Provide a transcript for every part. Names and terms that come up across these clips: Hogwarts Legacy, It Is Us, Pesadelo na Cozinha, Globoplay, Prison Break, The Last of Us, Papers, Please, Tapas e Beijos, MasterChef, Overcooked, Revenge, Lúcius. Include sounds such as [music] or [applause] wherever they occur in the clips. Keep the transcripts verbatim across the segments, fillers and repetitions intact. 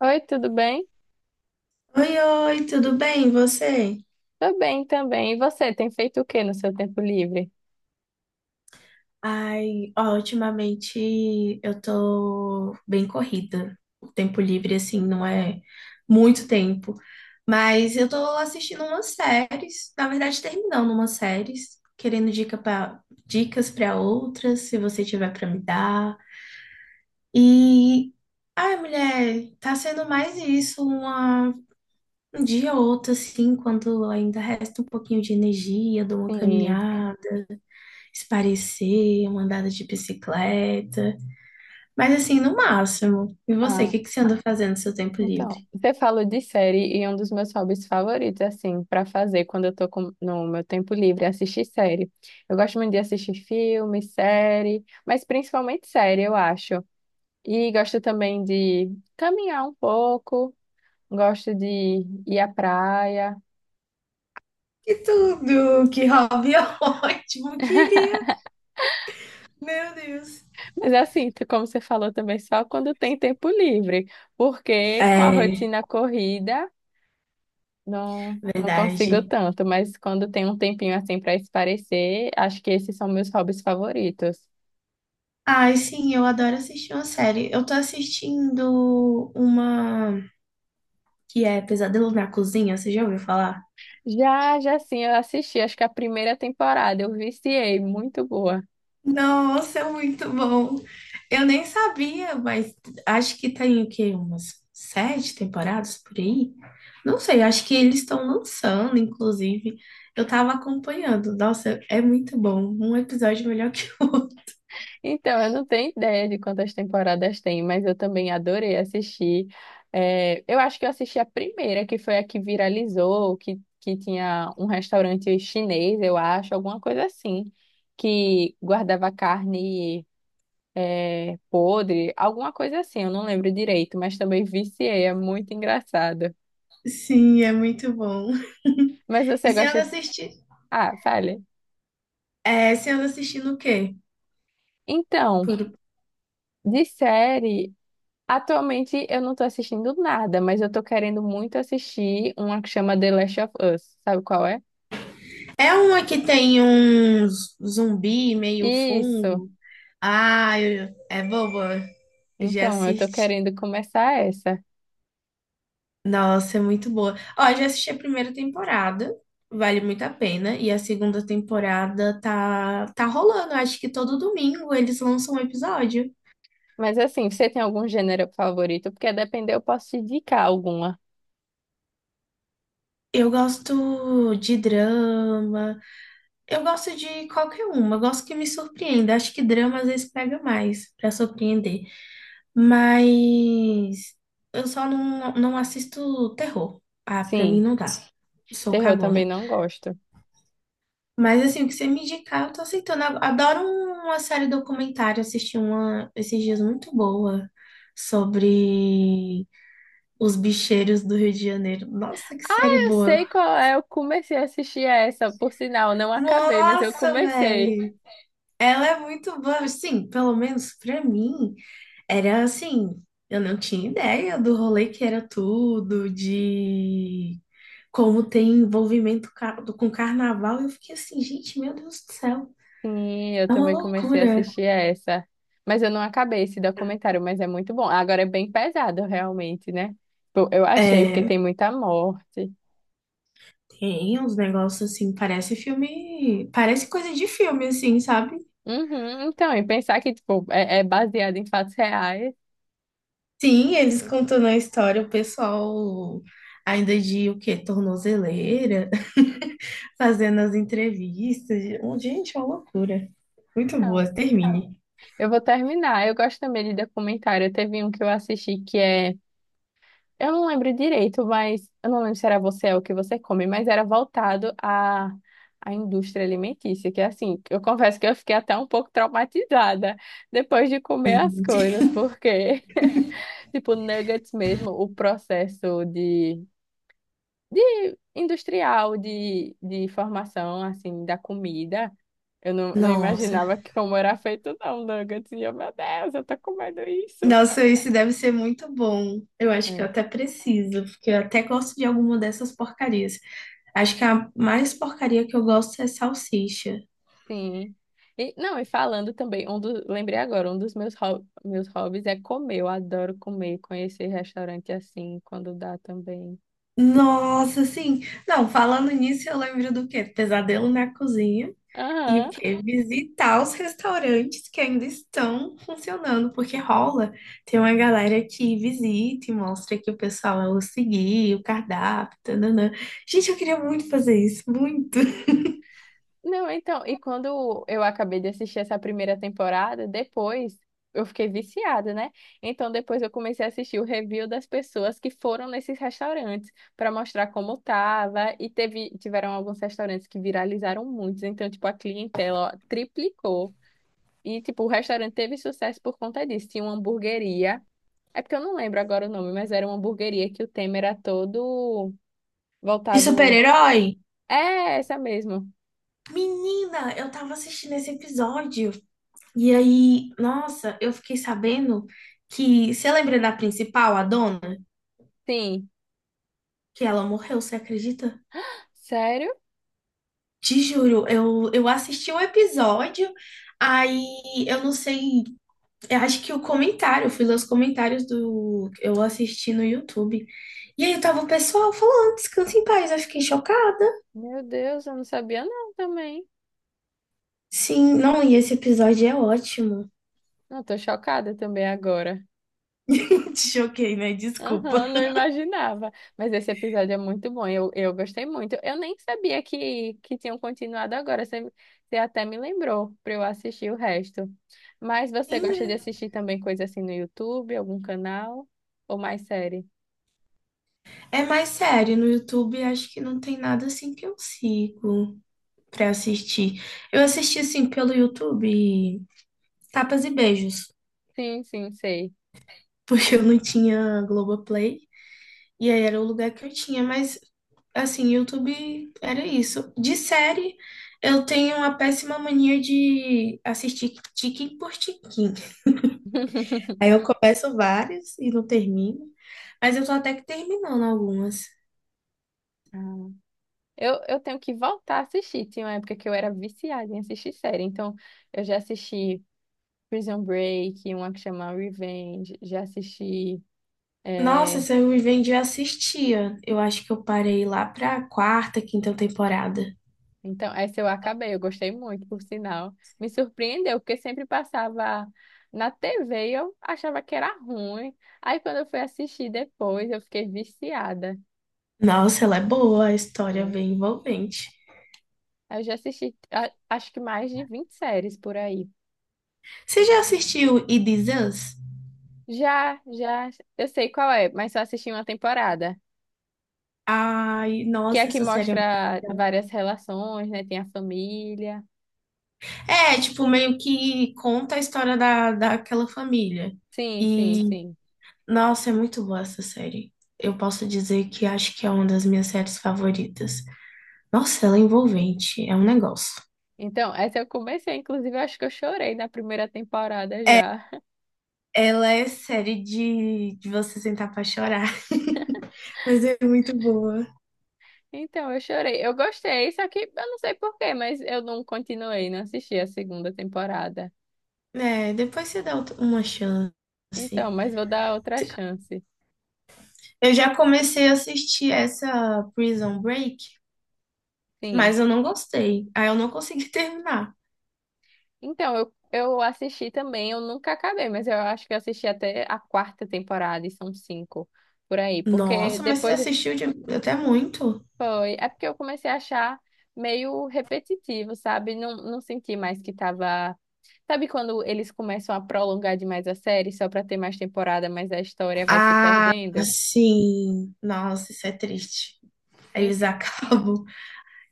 Oi, tudo bem? Oi, oi, tudo bem? E você? Tô bem também. E você, tem feito o que no seu tempo livre? Ai, ó, ultimamente eu tô bem corrida. O tempo livre, assim, não é muito tempo. Mas eu tô assistindo umas séries, na verdade, terminando umas séries, querendo dica pra, dicas pra outras, se você tiver pra me dar. E, ai, mulher, tá sendo mais isso, uma, um dia ou outro, assim, quando ainda resta um pouquinho de energia, dou uma Sim. caminhada. Se parecer, uma andada de bicicleta. Mas assim, no máximo. E você, o Ah, que que você anda fazendo no seu tempo livre? então, você falou de série e um dos meus hobbies favoritos, assim, pra fazer quando eu tô com- no meu tempo livre, é assistir série. Eu gosto muito de assistir filme, série, mas principalmente série, eu acho. E gosto também de caminhar um pouco, gosto de ir à praia. Que tudo! Que hobby [laughs] ótimo! Queria! Meu Deus! Mas assim, tu- como você falou também, só quando tem tempo livre, porque com a É, rotina corrida. Não, não consigo verdade. tanto, mas quando tem um tempinho assim para espairecer, acho que esses são meus hobbies favoritos. Ai, sim, eu adoro assistir uma série. Eu tô assistindo uma que é Pesadelo na Cozinha, você já ouviu falar? Já, já sim, eu assisti, acho que a primeira temporada, eu viciei, muito boa. Nossa, é muito bom. Eu nem sabia, mas acho que tem o quê? Umas sete temporadas por aí? Não sei, acho que eles estão lançando, inclusive. Eu tava acompanhando. Nossa, é muito bom. Um episódio melhor que o outro. Então, eu não tenho ideia de quantas temporadas tem, mas eu também adorei assistir. É, eu acho que eu assisti a primeira, que foi a que viralizou, que, que tinha um restaurante chinês, eu acho, alguma coisa assim, que guardava carne. É, podre, alguma coisa assim, eu não lembro direito, mas também viciei, é muito engraçado. Sim, é muito bom. Mas E você você gosta anda de... assistindo? Ah, fale. É, você anda assistindo o quê? Então, Por- de série, atualmente eu não tô assistindo nada, mas eu tô querendo muito assistir uma que chama The Last of Us, sabe qual é? É uma que tem um zumbi meio Isso. fungo. Ah, eu- é boba. Já Então, eu tô assisti. querendo começar essa. Nossa, é muito boa. Ó, eu já assisti a primeira temporada, vale muito a pena. E a segunda temporada tá, tá rolando. Acho que todo domingo eles lançam um episódio. Mas assim, você tem algum gênero favorito? Porque a depender eu posso te indicar alguma. Eu gosto de drama, eu gosto de qualquer uma, eu gosto que me surpreenda. Acho que drama às vezes pega mais pra surpreender. Mas eu só não, não assisto terror. Ah, pra mim Sim, não dá. Sou terror também cagona. não gosto. Mas assim, o que você me indicar, eu tô aceitando. Eu adoro uma série documentária, assisti uma esses dias muito boa sobre os bicheiros do Rio de Janeiro. Nossa, que série Eu boa! sei qual é, eu comecei a assistir essa, por sinal, não acabei, mas eu Nossa, comecei. velho! Ela é muito boa. Sim, pelo menos pra mim, era assim, eu não tinha ideia do rolê que era tudo, de como tem envolvimento ca- com carnaval. Eu fiquei assim, gente, meu Deus do céu, Sim, eu é uma também comecei a loucura. assistir essa. Mas eu não acabei esse documentário, mas é muito bom. Agora é bem pesado, realmente, né? Tipo, eu achei, porque É. tem muita morte. Tem uns negócios assim, parece filme, parece coisa de filme, assim, sabe? Uhum, então, e pensar que, tipo, é, é baseado em fatos reais. Sim, eles contando a história, o pessoal ainda de o quê? Tornozeleira, [laughs] fazendo as entrevistas. Gente, é uma loucura. Muito boa, Então, termine. eu vou terminar. Eu gosto também de documentário. Teve um que eu assisti que é, eu não lembro direito, mas eu não lembro se era você ou o que você come, mas era voltado à, à indústria alimentícia, que é assim, eu confesso que eu fiquei até um pouco traumatizada depois de comer as coisas, porque, [laughs] tipo, nuggets mesmo, o processo de, de industrial, de, de formação, assim, da comida, eu não, não Nossa, imaginava que como era feito, não, nuggets, e eu, meu Deus, eu tô comendo isso. nossa, isso deve ser muito bom. Eu acho que eu até preciso, porque eu até gosto de alguma dessas porcarias. Acho que a mais porcaria que eu gosto é salsicha. Sim. E, não, e falando também, um do, lembrei agora, um dos meus, ho- meus hobbies é comer. Eu adoro comer, conhecer restaurante assim, quando dá também. Nossa, sim. Não, falando nisso, eu lembro do quê? Pesadelo na cozinha. E o Aham. quê? Visitar os restaurantes que ainda estão funcionando, porque rola. Tem uma galera que visita e mostra que o pessoal seguir, o cardápio, tananã. Gente, eu queria muito fazer isso, muito. Não, então, e quando eu acabei de assistir essa primeira temporada, depois eu fiquei viciada, né? Então depois eu comecei a assistir o review das pessoas que foram nesses restaurantes para mostrar como tava. E teve, tiveram alguns restaurantes que viralizaram muitos, então, tipo, a clientela, ó, triplicou. E, tipo, o restaurante teve sucesso por conta disso. Tinha uma hamburgueria. É porque eu não lembro agora o nome, mas era uma hamburgueria que o tema era todo De voltado. super-herói? É, essa mesmo. Menina, eu tava assistindo esse episódio e aí, nossa, eu fiquei sabendo que, você lembra da principal, a dona? Sim. Que ela morreu, você acredita? Sério? Te juro, eu, eu assisti o episódio, aí eu não sei, eu acho que o comentário, eu fui ler os comentários do que eu assisti no YouTube. E aí tava o pessoal falando, descansa em paz, eu fiquei chocada. Meu Deus, eu não sabia não também. Sim, não, e esse episódio é ótimo. Não, tô chocada também agora. [laughs] Te choquei, né? Desculpa. Aham, não imaginava. Mas esse episódio é muito bom, eu, eu gostei muito. Eu nem sabia que, que tinham continuado agora, você, você até me lembrou para eu assistir o resto. Mas você Sim, é gosta de assistir também coisa assim no YouTube, algum canal? Ou mais série? é mais sério, no YouTube acho que não tem nada assim que eu sigo pra assistir. Eu assisti assim pelo YouTube Tapas e Beijos, Sim, sim, sei. [laughs] porque eu não tinha Globoplay. E aí era o lugar que eu tinha, mas assim, YouTube era isso. De série, eu tenho uma péssima mania de assistir tiquim por tiquim. [laughs] Aí eu começo várias e não termino, mas eu tô até que terminando algumas. Ah, Eu, eu tenho que voltar a assistir. Tinha uma época que eu era viciada em assistir série. Então, eu já assisti Prison Break, uma que chama Revenge, já assisti. Nossa, eh, se eu me vendi, eu assistia. Eu acho que eu parei lá pra quarta, quinta temporada. Então, essa eu acabei, eu gostei muito, por sinal. Me surpreendeu, porque sempre passava na T V e eu achava que era ruim. Aí, quando eu fui assistir depois, eu fiquei viciada. Nossa, ela é boa, a história é É. bem envolvente. Eu já assisti, a- acho que mais de vinte séries por aí. Você já assistiu It Is Us? Já, já, eu sei qual é, mas só assisti uma temporada. Ai, Que é a nossa, que essa série é. mostra várias relações, né? Tem a família. É, tipo, meio que conta a história da, daquela família. Sim, sim, E, sim. nossa, é muito boa essa série. Eu posso dizer que acho que é uma das minhas séries favoritas. Nossa, ela é envolvente, é um negócio. Então, essa eu comecei, inclusive, eu acho que eu chorei na primeira temporada já. Ela é série de, de você sentar pra chorar, [laughs] mas é muito boa. Então, eu chorei. Eu gostei, só que eu não sei por quê, mas eu não continuei, não assisti a segunda temporada. É, depois você dá outra- uma chance. Então, mas vou dar outra chance. Eu já comecei a assistir essa Prison Break, Sim. mas eu não gostei. Aí eu não consegui [laughs] terminar. Então, eu, eu assisti também, eu nunca acabei, mas eu acho que eu assisti até a quarta temporada, e são cinco por aí. Porque Nossa, mas você depois assistiu de- até muito. foi. É porque eu comecei a achar meio repetitivo, sabe? Não, não senti mais que tava. Sabe quando eles começam a prolongar demais a série só pra ter mais temporada, mas a história vai se Ah, perdendo? sim. Nossa, isso é triste. Eles [laughs] Ent- acabam,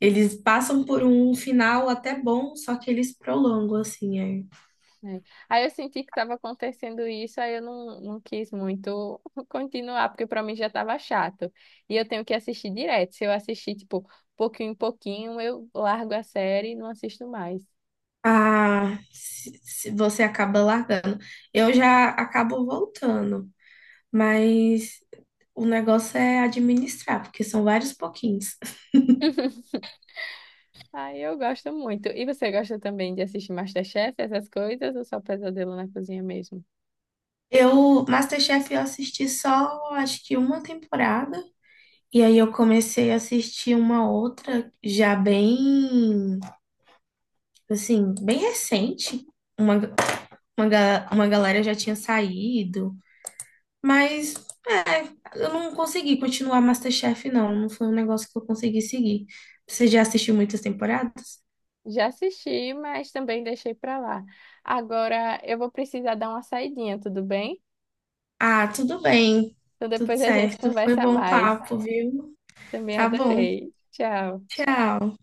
eles passam por um final até bom, só que eles prolongam assim. Aí. né? Aí eu senti que estava acontecendo isso, aí eu não, não quis muito [laughs] continuar, porque para mim já estava chato. E eu tenho que assistir direto. Se eu assistir, tipo, pouquinho em pouquinho, eu largo a série e não assisto mais. Ah, se, se você acaba largando. Eu já acabo voltando, mas o negócio é administrar, porque são vários pouquinhos. Aí eu gosto muito. E você gosta também de assistir MasterChef, essas coisas, ou só Pesadelo na Cozinha mesmo? Eu, MasterChef, eu assisti só, acho que uma temporada. E aí eu comecei a assistir uma outra já bem, assim, bem recente. Uma, uma, ga- uma galera já tinha saído, mas eu não consegui continuar MasterChef, não. Não foi um negócio que eu consegui seguir. Você já assistiu muitas temporadas? Já assisti, mas também deixei para lá. Agora eu vou precisar dar uma saidinha, tudo bem? Ah, tudo bem. Então Tudo depois a gente certo. Foi conversa bom mais. papo, viu? Também Tá bom. adorei. Tchau. Tchau.